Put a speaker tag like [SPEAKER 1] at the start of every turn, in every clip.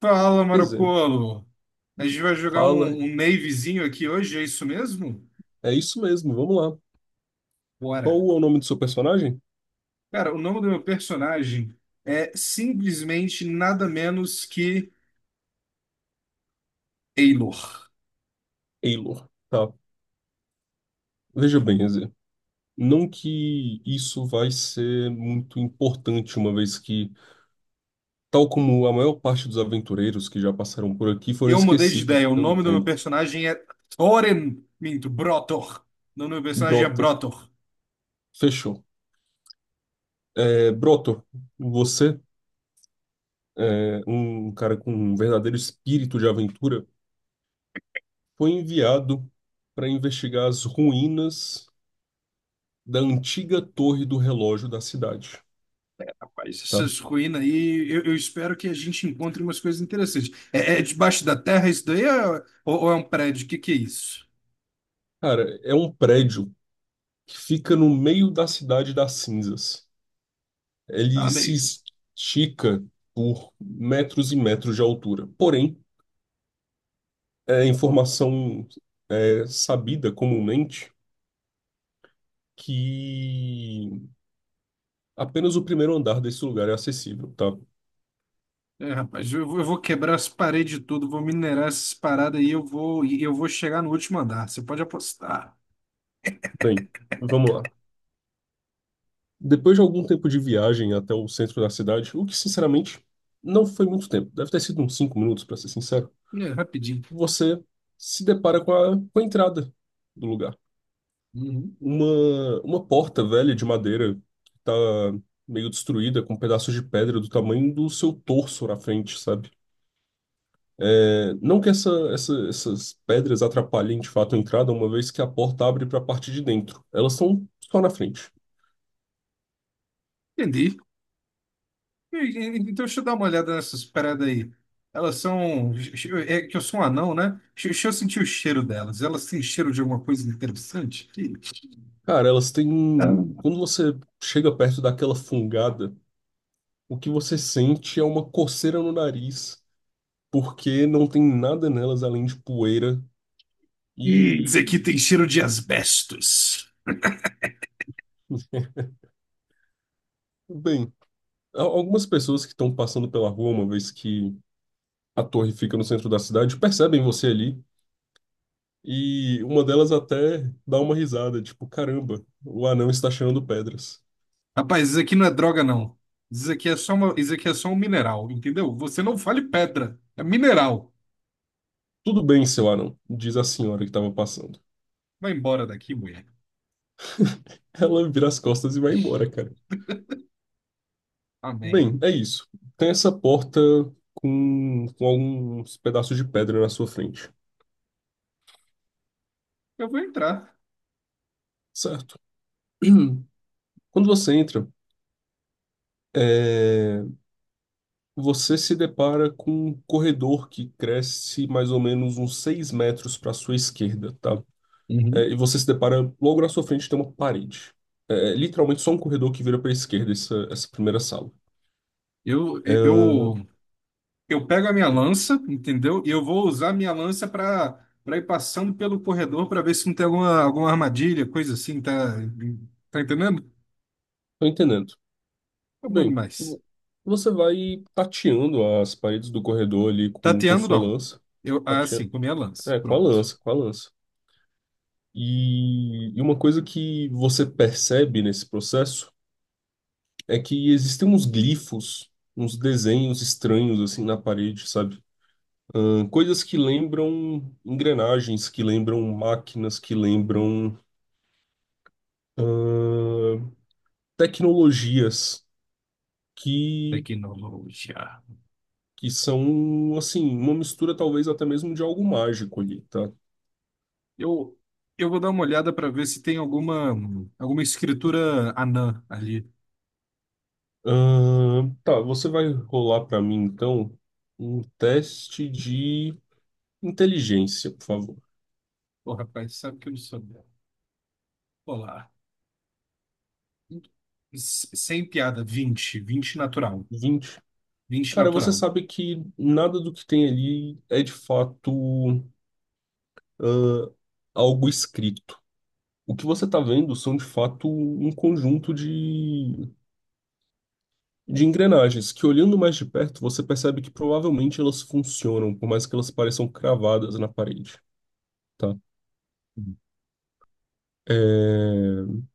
[SPEAKER 1] Fala,
[SPEAKER 2] Quer dizer,
[SPEAKER 1] Marocolo! A gente vai jogar
[SPEAKER 2] fala.
[SPEAKER 1] um Navyzinho aqui hoje, é isso mesmo?
[SPEAKER 2] É isso mesmo, vamos lá.
[SPEAKER 1] Bora!
[SPEAKER 2] Qual é o nome do seu personagem?
[SPEAKER 1] Cara, o nome do meu personagem é simplesmente nada menos que Eilor.
[SPEAKER 2] Eilor. Tá. Veja bem, quer dizer, não que isso vai ser muito importante, uma vez que, tal como a maior parte dos aventureiros que já passaram por aqui, foram
[SPEAKER 1] Eu mudei de
[SPEAKER 2] esquecidos
[SPEAKER 1] ideia, o
[SPEAKER 2] pelo
[SPEAKER 1] nome do meu
[SPEAKER 2] tempo.
[SPEAKER 1] personagem é Thorin, minto, Brotor. O nome do meu personagem é
[SPEAKER 2] Broto.
[SPEAKER 1] Brotor.
[SPEAKER 2] Fechou. É, Broto, você, um cara com um verdadeiro espírito de aventura, foi enviado para investigar as ruínas da antiga torre do relógio da cidade.
[SPEAKER 1] Rapaz,
[SPEAKER 2] Tá?
[SPEAKER 1] essas ruínas aí, eu espero que a gente encontre umas coisas interessantes. É debaixo da terra isso daí? Ou é um prédio? O que que é isso?
[SPEAKER 2] Cara, é um prédio que fica no meio da cidade das cinzas. Ele se
[SPEAKER 1] Amei.
[SPEAKER 2] estica por metros e metros de altura. Porém, é informação sabida comumente que apenas o primeiro andar desse lugar é acessível, tá?
[SPEAKER 1] É, rapaz, eu vou quebrar as paredes tudo, vou minerar essas paradas aí, e eu vou chegar no último andar. Você pode apostar.
[SPEAKER 2] Bem, vamos lá. Depois de algum tempo de viagem até o centro da cidade, o que sinceramente não foi muito tempo, deve ter sido uns 5 minutos, para ser sincero,
[SPEAKER 1] É, rapidinho.
[SPEAKER 2] você se depara com a entrada do lugar.
[SPEAKER 1] Uhum.
[SPEAKER 2] Uma porta velha de madeira que tá meio destruída, com pedaços de pedra do tamanho do seu torso na frente, sabe? Não que essas pedras atrapalhem de fato a entrada, uma vez que a porta abre para a parte de dentro. Elas são só na frente.
[SPEAKER 1] Entendi. Então deixa eu dar uma olhada nessas paradas aí. Elas são. É que eu sou um anão, né? Deixa eu sentir o cheiro delas. Elas têm cheiro de alguma coisa interessante?
[SPEAKER 2] Cara, elas têm. Quando você chega perto daquela fungada, o que você sente é uma coceira no nariz, porque não tem nada nelas além de poeira
[SPEAKER 1] Isso aqui
[SPEAKER 2] e.
[SPEAKER 1] tem cheiro de asbestos.
[SPEAKER 2] Bem. Algumas pessoas que estão passando pela rua, uma vez que a torre fica no centro da cidade, percebem você ali e uma delas até dá uma risada, tipo, caramba, o anão está cheirando pedras.
[SPEAKER 1] Rapaz, isso aqui não é droga, não. Isso aqui é só uma, isso aqui é só um mineral, entendeu? Você não fale pedra, é mineral.
[SPEAKER 2] Tudo bem, seu anão, diz a senhora que estava passando.
[SPEAKER 1] Vai embora daqui, mulher.
[SPEAKER 2] Ela vira as costas e vai embora, cara.
[SPEAKER 1] Amém.
[SPEAKER 2] Bem, é isso. Tem essa porta com alguns pedaços de pedra na sua frente,
[SPEAKER 1] Eu vou entrar.
[SPEAKER 2] certo? Quando você entra, é, Você se depara com um corredor que cresce mais ou menos uns 6 metros para sua esquerda, tá? É,
[SPEAKER 1] Uhum.
[SPEAKER 2] e você se depara logo na sua frente tem uma parede. É literalmente só um corredor que vira para a esquerda essa primeira sala.
[SPEAKER 1] Eu,
[SPEAKER 2] É,
[SPEAKER 1] eu, eu pego a minha lança, entendeu? E eu vou usar a minha lança para ir passando pelo corredor para ver se não tem alguma armadilha, coisa assim, tá entendendo?
[SPEAKER 2] tô entendendo.
[SPEAKER 1] Tá bom
[SPEAKER 2] Bem,
[SPEAKER 1] demais.
[SPEAKER 2] você vai tateando as paredes do corredor ali com
[SPEAKER 1] Tateando,
[SPEAKER 2] sua
[SPEAKER 1] não.
[SPEAKER 2] lança.
[SPEAKER 1] Eu, ah, sim,
[SPEAKER 2] Tateando,
[SPEAKER 1] com a minha lança.
[SPEAKER 2] com a
[SPEAKER 1] Pronto.
[SPEAKER 2] lança, com a lança. E uma coisa que você percebe nesse processo é que existem uns glifos, uns desenhos estranhos assim na parede, sabe? Coisas que lembram engrenagens, que lembram máquinas, que lembram tecnologias, que,
[SPEAKER 1] Tecnologia.
[SPEAKER 2] que são assim, uma mistura talvez até mesmo de algo mágico ali, tá?
[SPEAKER 1] Eu, eu vou dar uma olhada para ver se tem alguma escritura anã ali.
[SPEAKER 2] Tá, você vai rolar pra mim então um teste de inteligência, por favor.
[SPEAKER 1] Pô, rapaz, sabe que eu não sou dela. Olá. Sem piada, 20 20 natural.
[SPEAKER 2] 20.
[SPEAKER 1] vinte
[SPEAKER 2] Cara, você
[SPEAKER 1] natural.
[SPEAKER 2] sabe que nada do que tem ali é de fato algo escrito. O que você está vendo são, de fato, um conjunto de engrenagens que, olhando mais de perto, você percebe que provavelmente elas funcionam, por mais que elas pareçam cravadas na parede, tá? É,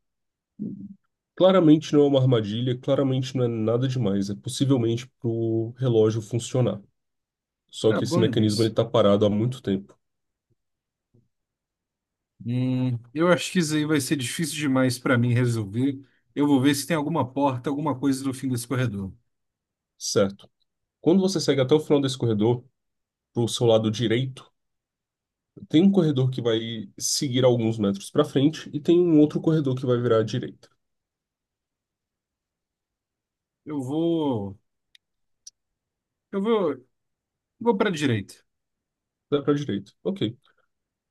[SPEAKER 2] Claramente não é uma armadilha, claramente não é nada demais. É possivelmente para o relógio funcionar. Só
[SPEAKER 1] Tá
[SPEAKER 2] que esse
[SPEAKER 1] bom
[SPEAKER 2] mecanismo ele
[SPEAKER 1] demais.
[SPEAKER 2] está parado há muito tempo,
[SPEAKER 1] Eu acho que isso aí vai ser difícil demais para mim resolver. Eu vou ver se tem alguma porta, alguma coisa no fim desse corredor.
[SPEAKER 2] certo? Quando você segue até o final desse corredor, para o seu lado direito, tem um corredor que vai seguir alguns metros para frente e tem um outro corredor que vai virar à direita.
[SPEAKER 1] Eu vou. Eu vou. Vou para direita.
[SPEAKER 2] Dá para direita. Ok.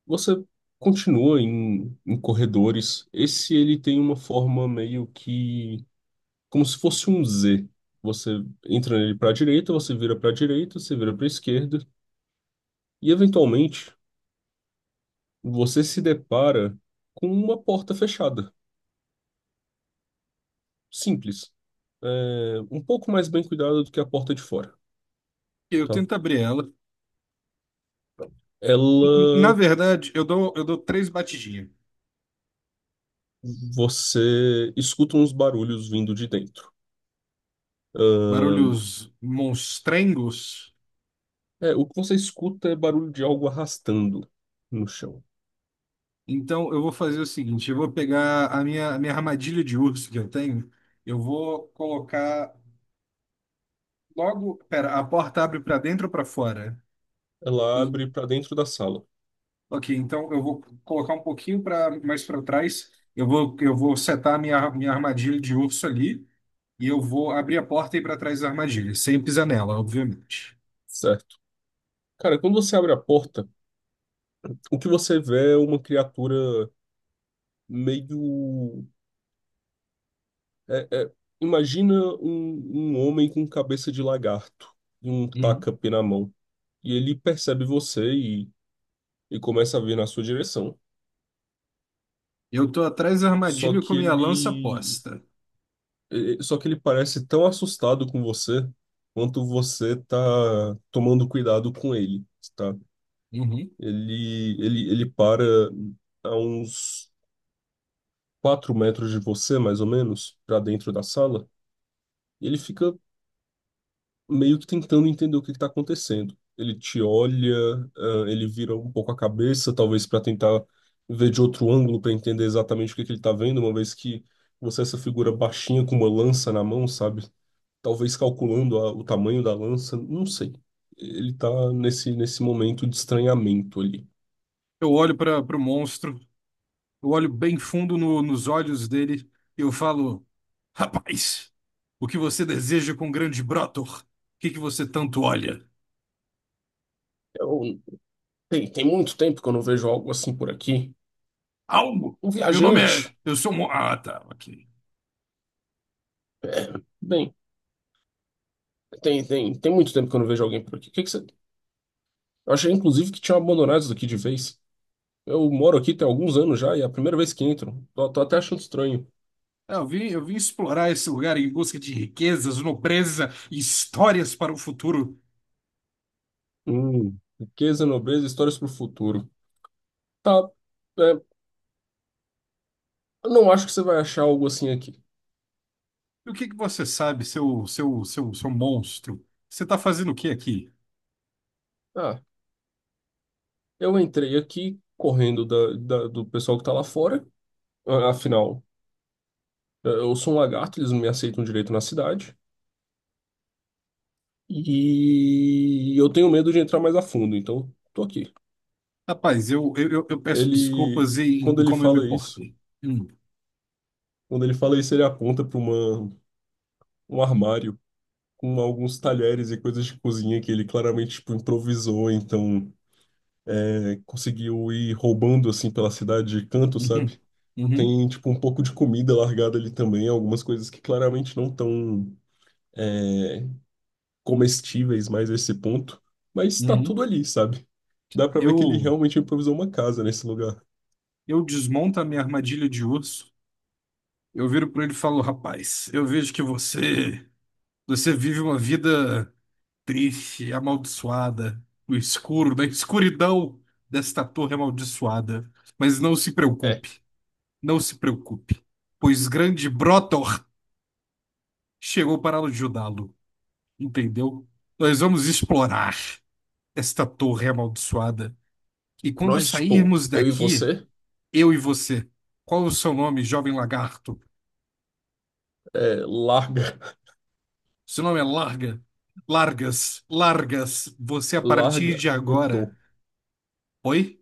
[SPEAKER 2] Você continua em corredores. Esse ele tem uma forma meio que como se fosse um Z. Você entra nele para a direita, você vira para a direita, você vira para a esquerda e eventualmente você se depara com uma porta fechada. Simples. É, um pouco mais bem cuidada do que a porta de fora.
[SPEAKER 1] Eu
[SPEAKER 2] Tá?
[SPEAKER 1] tento abrir ela. Na
[SPEAKER 2] Ela
[SPEAKER 1] verdade, eu dou três batidinhas.
[SPEAKER 2] Você escuta uns barulhos vindo de dentro. Ahn,
[SPEAKER 1] Barulhos monstrengos.
[SPEAKER 2] o que você escuta é barulho de algo arrastando no chão.
[SPEAKER 1] Então, eu vou fazer o seguinte: eu vou pegar a minha armadilha de urso que eu tenho. Eu vou colocar Logo, pera, a porta abre para dentro ou para fora?
[SPEAKER 2] Ela
[SPEAKER 1] Eu-
[SPEAKER 2] abre para dentro da sala,
[SPEAKER 1] ok, então eu vou colocar um pouquinho para mais para trás. Eu vou setar a minha armadilha de urso ali e eu vou abrir a porta e ir para trás da armadilha, sem pisar nela, obviamente.
[SPEAKER 2] certo? Cara, quando você abre a porta, o que você vê é uma criatura meio. é- é- imagina um homem com cabeça de lagarto e um
[SPEAKER 1] Uhum.
[SPEAKER 2] tacape na mão. E ele percebe você e começa a vir na sua direção.
[SPEAKER 1] Eu tô atrás da
[SPEAKER 2] Só
[SPEAKER 1] armadilha com
[SPEAKER 2] que
[SPEAKER 1] minha lança
[SPEAKER 2] ele
[SPEAKER 1] posta.
[SPEAKER 2] Só que ele parece tão assustado com você quanto você tá tomando cuidado com ele, tá?
[SPEAKER 1] Uhum.
[SPEAKER 2] Ele para a uns 4 metros de você, mais ou menos, para dentro da sala, e ele fica meio que tentando entender o que que tá acontecendo. Ele te olha, ah, ele vira um pouco a cabeça, talvez para tentar ver de outro ângulo para entender exatamente o que que ele tá vendo, uma vez que você é essa figura baixinha com uma lança na mão, sabe? Talvez calculando o tamanho da lança, não sei. Ele tá nesse momento de estranhamento ali.
[SPEAKER 1] Eu olho para o monstro, eu olho bem fundo nos olhos dele e eu falo: rapaz, o que você deseja com o grande Brotor? O que que você tanto olha?
[SPEAKER 2] Eu- tem muito tempo que eu não vejo algo assim por aqui.
[SPEAKER 1] Algo?
[SPEAKER 2] Um
[SPEAKER 1] Meu nome é.
[SPEAKER 2] viajante.
[SPEAKER 1] Eu sou. Ah, tá, ok.
[SPEAKER 2] Bem, tem muito tempo que eu não vejo alguém por aqui. O que que você... Eu achei, inclusive, que tinha abandonado isso daqui de vez. Eu moro aqui tem alguns anos já e é a primeira vez que entro. Tô até achando estranho.
[SPEAKER 1] Ah, eu vim explorar esse lugar em busca de riquezas, nobreza e histórias para o futuro.
[SPEAKER 2] Riqueza, nobreza, histórias pro futuro. Tá, é, eu não acho que você vai achar algo assim aqui.
[SPEAKER 1] E o que que você sabe, seu monstro? Você está fazendo o que aqui?
[SPEAKER 2] Ah, eu entrei aqui correndo do pessoal que tá lá fora. Afinal, eu sou um lagarto, eles não me aceitam direito na cidade. E eu tenho medo de entrar mais a fundo, então tô aqui.
[SPEAKER 1] Rapaz, eu peço
[SPEAKER 2] Ele,
[SPEAKER 1] desculpas em,
[SPEAKER 2] quando
[SPEAKER 1] em
[SPEAKER 2] ele
[SPEAKER 1] como eu me
[SPEAKER 2] fala isso,
[SPEAKER 1] portei. Hum,
[SPEAKER 2] quando ele fala isso, ele aponta para uma um armário com alguns talheres e coisas de cozinha que ele claramente tipo improvisou, então conseguiu ir roubando assim pela cidade de canto,
[SPEAKER 1] uhum,
[SPEAKER 2] sabe?
[SPEAKER 1] uhum,
[SPEAKER 2] Tem tipo um pouco de comida largada ali também, algumas coisas que claramente não estão comestíveis mais a esse ponto, mas tá
[SPEAKER 1] uhum.
[SPEAKER 2] tudo ali, sabe? Dá pra ver que ele
[SPEAKER 1] Eu,
[SPEAKER 2] realmente improvisou uma casa nesse lugar.
[SPEAKER 1] eu desmonto a minha armadilha de urso. Eu viro para ele e falo, rapaz, eu vejo que você vive uma vida triste, amaldiçoada, no escuro, na escuridão desta torre amaldiçoada. Mas não se
[SPEAKER 2] É,
[SPEAKER 1] preocupe, não se preocupe, pois grande Brotor chegou para ajudá-lo, entendeu? Nós vamos explorar esta torre amaldiçoada. E quando
[SPEAKER 2] nós, tipo,
[SPEAKER 1] sairmos
[SPEAKER 2] eu e
[SPEAKER 1] daqui,
[SPEAKER 2] você,
[SPEAKER 1] eu e você, qual o seu nome, jovem lagarto?
[SPEAKER 2] larga,
[SPEAKER 1] Seu nome é Larga? Largas, Largas, você a partir
[SPEAKER 2] larga
[SPEAKER 1] de
[SPEAKER 2] o
[SPEAKER 1] agora.
[SPEAKER 2] tô,
[SPEAKER 1] Oi?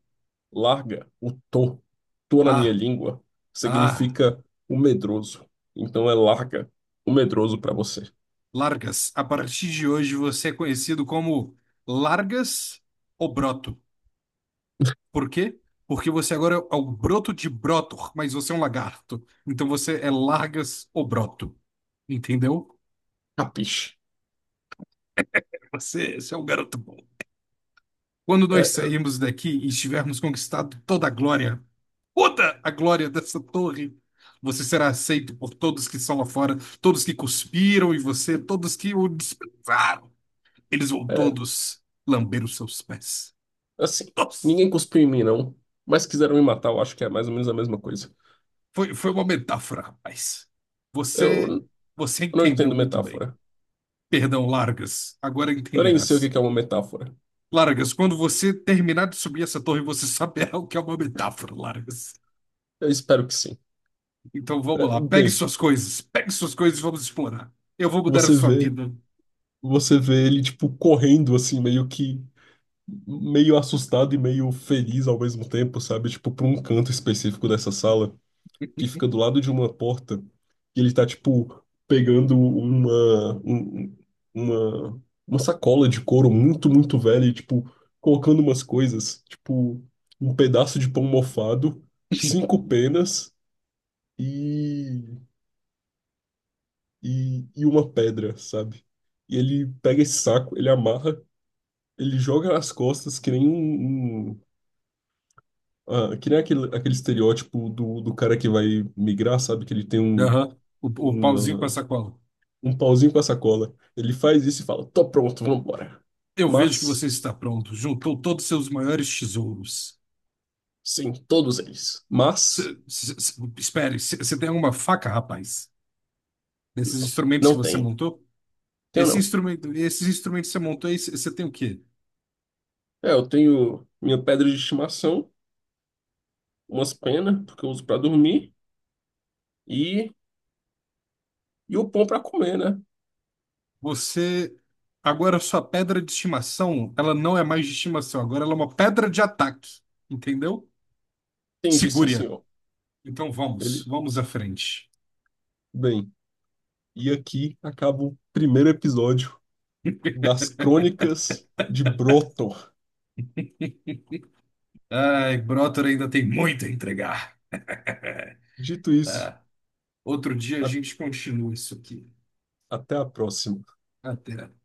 [SPEAKER 2] larga o tô. Tô na minha
[SPEAKER 1] Ah,
[SPEAKER 2] língua
[SPEAKER 1] ah.
[SPEAKER 2] significa o medroso. Então é larga o medroso pra você.
[SPEAKER 1] Largas. A partir de hoje você é conhecido como Largas ou Broto. Por quê? Porque você agora é o Broto de Brotor, mas você é um lagarto. Então você é Largas ou Broto. Entendeu?
[SPEAKER 2] Capiche?
[SPEAKER 1] Você é um garoto bom. Quando nós
[SPEAKER 2] É,
[SPEAKER 1] sairmos daqui e estivermos conquistado toda a glória dessa torre, você será aceito por todos que estão lá fora, todos que cuspiram em você, todos que o desprezaram. Eles vão
[SPEAKER 2] é,
[SPEAKER 1] todos lamber os seus pés.
[SPEAKER 2] assim,
[SPEAKER 1] Nossa,
[SPEAKER 2] ninguém cuspiu em mim, não. Mas quiseram me matar, eu acho que é mais ou menos a mesma coisa.
[SPEAKER 1] foi uma metáfora, rapaz.
[SPEAKER 2] Eu
[SPEAKER 1] Você, você
[SPEAKER 2] não
[SPEAKER 1] entendeu
[SPEAKER 2] entendo
[SPEAKER 1] muito bem.
[SPEAKER 2] metáfora.
[SPEAKER 1] Perdão, Largas, agora
[SPEAKER 2] Eu nem sei o que
[SPEAKER 1] entenderás.
[SPEAKER 2] que é uma metáfora.
[SPEAKER 1] Largas, quando você terminar de subir essa torre, você saberá o que é uma metáfora, Largas.
[SPEAKER 2] Eu espero que sim.
[SPEAKER 1] Então
[SPEAKER 2] É,
[SPEAKER 1] vamos lá,
[SPEAKER 2] Bem,
[SPEAKER 1] pegue suas coisas e vamos explorar. Eu vou mudar a
[SPEAKER 2] você
[SPEAKER 1] sua
[SPEAKER 2] vê,
[SPEAKER 1] vida.
[SPEAKER 2] você vê ele tipo correndo assim, meio que meio assustado e meio feliz ao mesmo tempo, sabe? Tipo para um canto específico dessa sala que fica do lado de uma porta e ele tá tipo pegando uma um- uma uma sacola de couro muito, muito velha e tipo colocando umas coisas, tipo um pedaço de pão mofado, cinco penas e e uma pedra, sabe? E ele pega esse saco, ele amarra, ele joga nas costas, que nem um, um- ah, que nem aquele estereótipo do cara que vai migrar, sabe? Que ele tem
[SPEAKER 1] Aham, o pauzinho com a
[SPEAKER 2] uma,
[SPEAKER 1] sacola.
[SPEAKER 2] um pauzinho com a sacola. Ele faz isso e fala: tô pronto, vambora.
[SPEAKER 1] Eu vejo que você
[SPEAKER 2] Mas,
[SPEAKER 1] está pronto. Juntou todos os seus maiores tesouros.
[SPEAKER 2] sim, todos eles.
[SPEAKER 1] Cê-
[SPEAKER 2] Mas,
[SPEAKER 1] cê- cê- espere, você tem alguma faca, rapaz? Nesses instrumentos
[SPEAKER 2] não
[SPEAKER 1] que você
[SPEAKER 2] tenho.
[SPEAKER 1] montou?
[SPEAKER 2] Tenho
[SPEAKER 1] Esse
[SPEAKER 2] não.
[SPEAKER 1] instrumento, esses instrumentos que você montou, aí, você tem o quê?
[SPEAKER 2] É, eu tenho minha pedra de estimação, umas penas, porque eu uso pra dormir, e, e o pão pra comer, né?
[SPEAKER 1] Você. Agora a sua pedra de estimação, ela não é mais de estimação, agora ela é uma pedra de ataque. Entendeu?
[SPEAKER 2] Entendi, sim,
[SPEAKER 1] Segure-a.
[SPEAKER 2] senhor.
[SPEAKER 1] Então vamos,
[SPEAKER 2] Ele,
[SPEAKER 1] vamos à frente.
[SPEAKER 2] bem. E aqui acaba o primeiro episódio das Crônicas de Broto.
[SPEAKER 1] Ai, Brotor ainda tem muito a entregar.
[SPEAKER 2] Dito isso,
[SPEAKER 1] Outro dia a
[SPEAKER 2] a-
[SPEAKER 1] gente continua isso aqui.
[SPEAKER 2] até a próxima.
[SPEAKER 1] Até.